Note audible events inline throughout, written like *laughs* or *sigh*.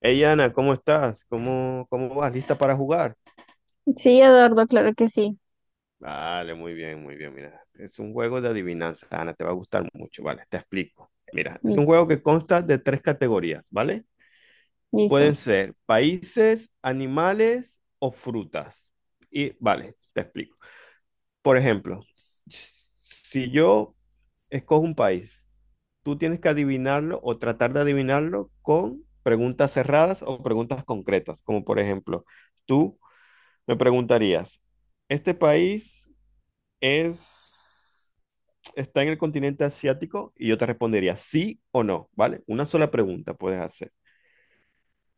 Hey Ana, ¿cómo estás? ¿Cómo vas? ¿Lista para jugar? Sí, Eduardo, claro que sí. Vale, muy bien, muy bien. Mira, es un juego de adivinanza, Ana, te va a gustar mucho. Vale, te explico. Mira, es un Listo, juego que consta de tres categorías, ¿vale? Pueden listo. ser países, animales o frutas. Y vale, te explico. Por ejemplo, si yo escojo un país, tú tienes que adivinarlo o tratar de adivinarlo con preguntas cerradas o preguntas concretas, como por ejemplo, tú. Me preguntarías, ¿este país es, está en el continente asiático? Y yo te respondería sí o no, ¿vale? Una sola pregunta puedes hacer,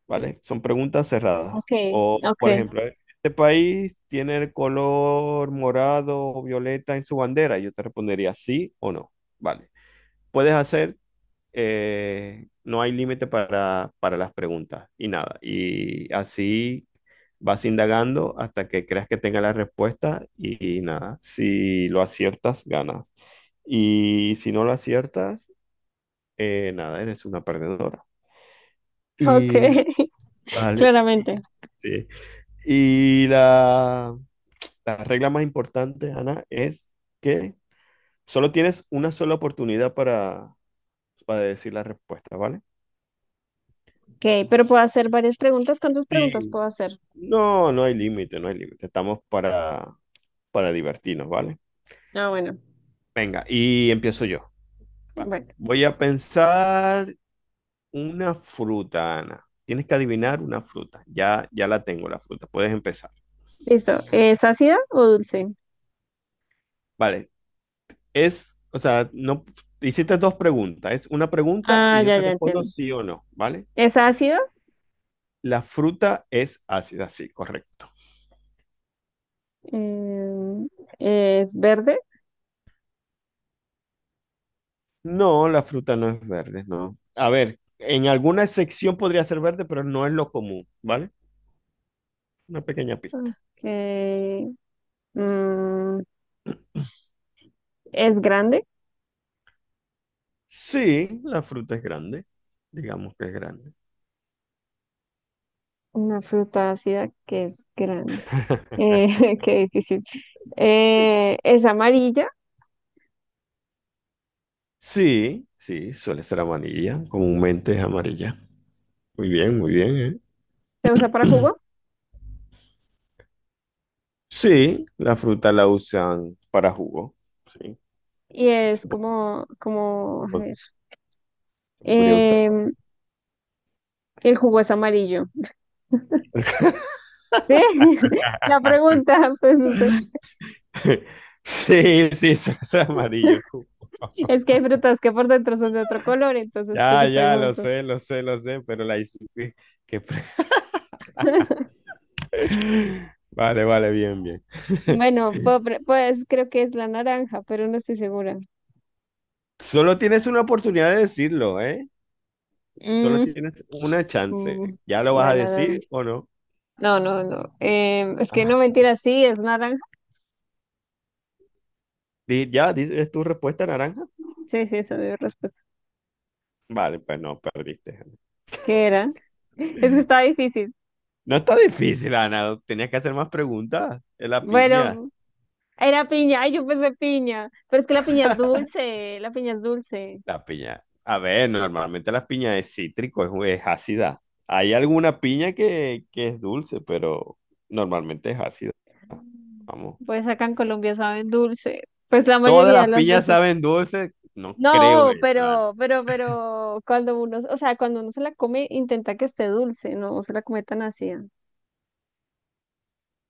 ¿vale? Son preguntas cerradas. Ok, O, por ok, ejemplo, ¿este país tiene el color morado o violeta en su bandera? Yo te respondería sí o no, ¿vale? Puedes hacer no hay límite para las preguntas y nada. Y así vas indagando hasta que creas que tenga la respuesta y, nada. Si lo aciertas, ganas. Y si no lo aciertas, nada, eres una perdedora. ok, Y *laughs* vale. Y, claramente. sí. Y la regla más importante, Ana, es que solo tienes una sola oportunidad para decir la respuesta, ¿vale? Ok, pero puedo hacer varias preguntas. ¿Cuántas preguntas Sí. puedo hacer? No, no hay límite, no hay límite. Estamos para divertirnos, ¿vale? Ah, bueno, Venga, y empiezo yo. Vale. bueno, Voy a pensar una fruta, Ana. Tienes que adivinar una fruta. Ya, ya la tengo, la fruta. Puedes empezar. listo. ¿Es ácida o dulce? Vale. Es, o sea, no hiciste dos preguntas. Es una pregunta y Ah, yo ya, te ya respondo entiendo. sí o no, ¿vale? ¿Es ácida? La fruta es ácida, sí, correcto. Em, ¿Es verde? No, la fruta no es verde, no. A ver, en alguna sección podría ser verde, pero no es lo común, ¿vale? Una pequeña pista. Ok. mm, ¿Es grande? Sí, la fruta es grande, digamos que es grande. Una fruta ácida que es grande. Eh, *laughs* *laughs* qué difícil. ¿Es amarilla? Sí, sí, suele ser amarilla, comúnmente es amarilla. Muy bien, ¿eh? ¿Se usa para jugo? Sí, la fruta la usan para jugo, sí, Y es se po- como, a po- ver, se podría usar em, el jugo es amarillo. ¿Sí? *laughs* La para... pregunta, pues no sé. *laughs* Sí, sí, suele ser amarillo. Ju- Es que hay frutas que por dentro son de otro color, entonces pues Ya, yo ya, lo pregunto. sé, lo sé, lo sé, pero la hice... *laughs* que pre- *laughs* Vale, vale, bien, bien. Bueno, pues creo que es la naranja, pero no estoy segura. Solo tienes una oportunidad de decirlo, ¿eh? Solo Mm, tienes una chance. mm, ¿Ya lo vas a bueno, decir o no? no, no, no. No. Es que no mentira, sí, es naranja. Di- ya, di- ¿es tu respuesta naranja? Sí, sí, esa es mi respuesta. Vale, pues no, perdiste. ¿Qué era? *laughs* Es que estaba difícil. No está difícil, Ana. Tenías que hacer más preguntas. Es la piña. Bueno, era piña, ay, yo pensé piña, pero es que la piña es dulce, la piña es dulce. La piña. A ver, normalmente la piña es cítrico, es ácida. Hay alguna piña que es dulce, pero normalmente es ácida. Vamos. Pues acá en Colombia saben dulce, pues la ¿Todas mayoría de las las piñas veces. saben dulce? No creo No, eso, Ana. pero cuando uno, o sea, cuando uno se la come, intenta que esté dulce, no se la come tan ácida.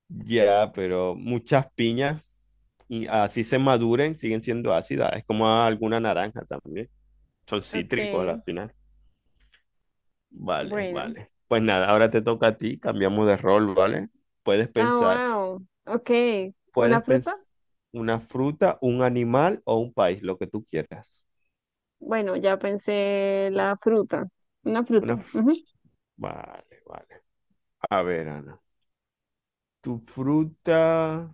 Ya, pero muchas piñas, y así se maduren, siguen siendo ácidas. Es como alguna naranja también. Son cítricos a la Okay, final. Vale, bueno. vale. Pues nada, ahora te toca a ti, cambiamos de rol, ¿vale? Puedes Ah, pensar, wow. Okay, ¿una puedes pensar fruta? una fruta, un animal o un país, lo que tú quieras. Bueno, ya pensé la fruta. Una fruta. Una fr- Ujú. Vale, vale. A ver, Ana, ¿tu fruta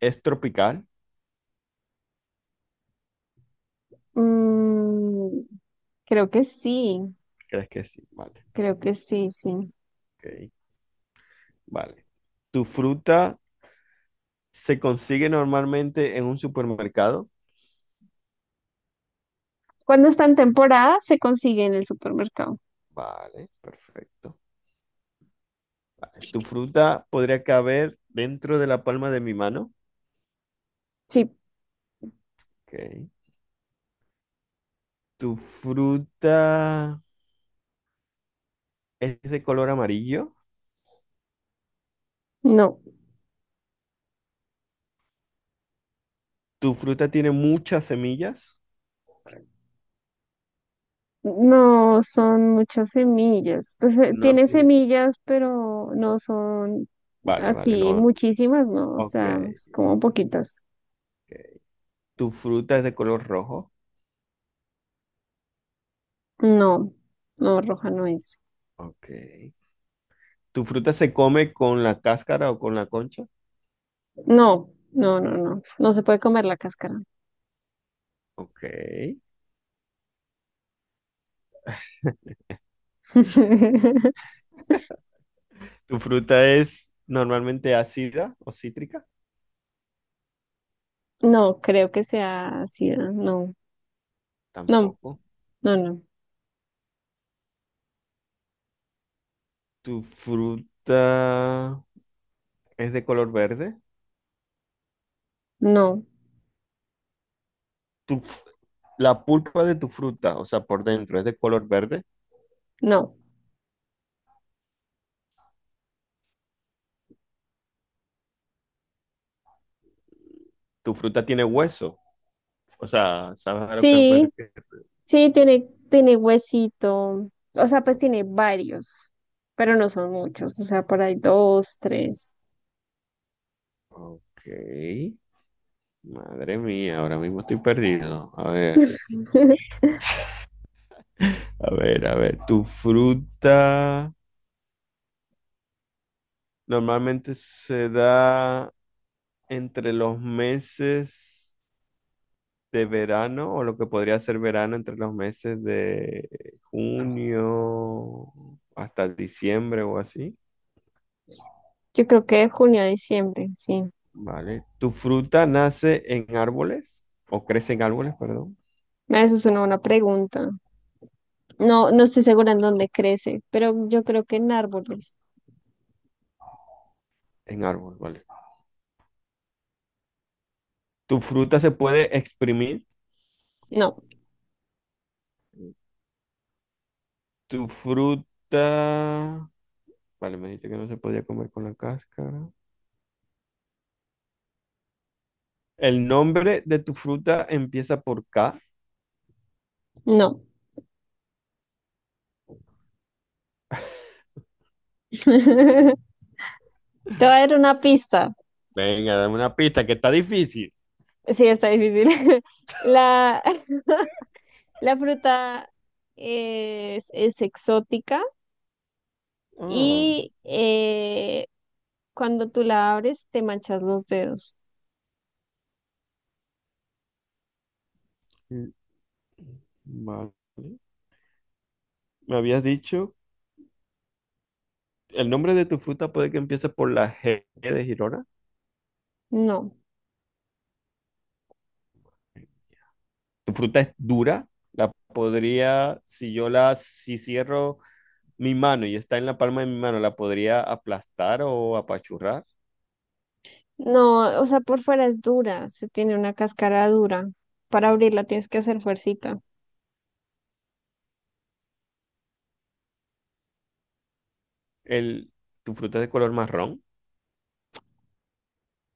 es tropical? Mm, creo que sí, ¿Crees que sí? Vale, creo que sí, sí. ok. Vale. ¿Tu fruta se consigue normalmente en un supermercado? Cuando está en temporada, se consigue en el supermercado. Vale, perfecto. ¿Tu fruta podría caber dentro de la palma de mi mano? Sí, Ok. ¿Tu fruta es de color amarillo? no. ¿Tu fruta tiene muchas semillas? No son muchas semillas. Pues No tiene tiene. semillas, pero no son Vale, vale, así no. Ok. muchísimas, ¿no? O Ok. sea, es como poquitas. ¿Tu fruta es de color rojo? No, no, roja no es. Ok. ¿Tu fruta se come con la cáscara o con la concha? No, no, no, no. No se puede comer la cáscara. Ok. *laughs* ¿Tu fruta es normalmente ácida o cítrica? No, creo que sea ácida. No, no, Tampoco. no, no, ¿Tu fruta es de color verde? no, ¿Tu f- la pulpa de tu fruta, o sea, por dentro, es de color verde? no. ¿Tu fruta tiene hueso? O sea, ¿sabes a lo que me Sí, refiero? sí, tiene huesito. O sea, pues tiene varios, pero no son muchos. O sea, por ahí dos, tres. Ok. Madre mía, ahora mismo estoy perdido. A ver, *laughs* A ver, tu fruta normalmente se da entre los meses de verano o lo que podría ser verano entre los meses de junio hasta diciembre o así. Yo creo que de junio a diciembre, sí. Vale. ¿Tu fruta nace en árboles o crece en árboles, perdón? Ah, eso es una buena pregunta. No, no estoy segura en dónde crece, pero yo creo que en árboles. En árboles, ¿vale? Tu fruta se puede exprimir. No, Tu fruta... Vale, me dijiste que no se podía comer con la cáscara. El nombre de tu fruta empieza por K. no. *laughs* Te voy a dar una pista. Venga, dame una pista que está difícil. Sí, está difícil. *laughs* La, *laughs* la fruta es exótica Ah, y cuando tú la abres te manchas los dedos. mm, vale. Me habías dicho, el nombre de tu fruta puede que empiece por la G de Girona. No, Tu fruta es dura. La podría, si cierro mi mano y está en la palma de mi mano, la podría aplastar o apachurrar. no, o sea, por fuera es dura, se tiene una cáscara dura. Para abrirla tienes que hacer fuercita. El, tu fruta es de color marrón.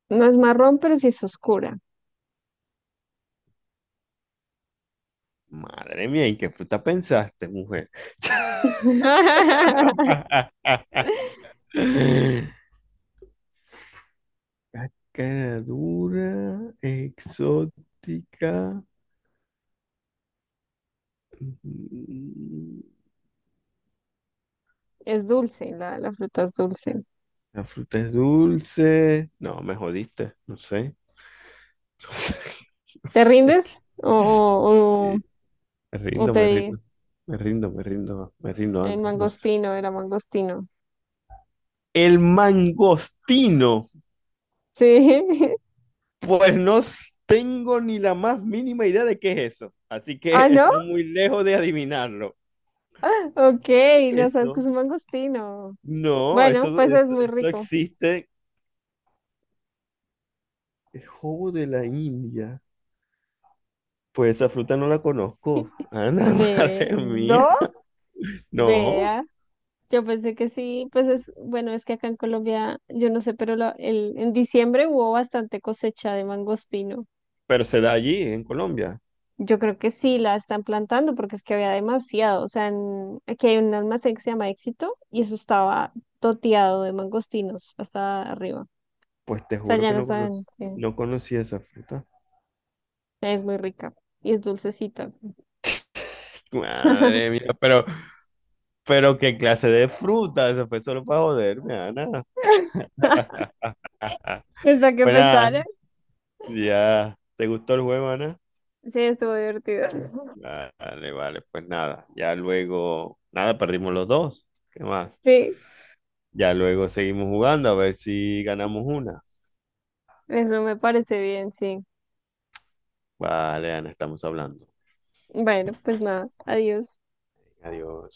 No es marrón, pero sí es oscura. Madre mía, ¿y qué fruta pensaste, mujer? *laughs* *laughs* Cara dura, exótica. Mm, Es dulce, la fruta es dulce. la fruta es dulce. No, me jodiste. No sé. *laughs* No sé. No ¿Te sé qué- rindes? ¿O, o, Me o, o rindo, me te... rindo. Me rindo, me rindo. Me rindo, El Ana. No sé. mangostino, era mangostino. El mangostino. Sí. *laughs* Pues no s- tengo ni la más mínima idea de qué es eso, así Ah, que ¿no? están muy lejos de adivinarlo. Ok, no sabes que es Eso. un mangostino. No, Bueno, pues es muy eso rico. existe. El jobo de la India. Pues esa fruta no la conozco. Ana, *laughs* Ve, madre mía. no, No, vea. Yo pensé que sí, pues es, bueno, es que acá en Colombia, yo no sé, pero en diciembre hubo bastante cosecha de mangostino. pero se da allí, en Colombia. Yo creo que sí la están plantando porque es que había demasiado. O sea, aquí hay un almacén que se llama Éxito y eso estaba toteado de mangostinos hasta arriba. O Pues te sea, juro ya que no no saben, conocí, sí, no conocí esa fruta. es muy rica y es dulcecita. Madre *laughs* mía, pero qué clase de fruta. Eso fue solo para joderme, Ana. *laughs* Es para que Pues nada, pensar, ya. ¿Te gustó el juego, Ana? sí, estuvo divertido. *laughs* Vale, vale, pues nada, ya luego, nada, perdimos los dos, ¿qué más? Sí, Ya luego seguimos jugando a ver si ganamos una. eso me parece bien, sí. Vale, Ana, estamos hablando. Bueno, pues nada, adiós. Adiós.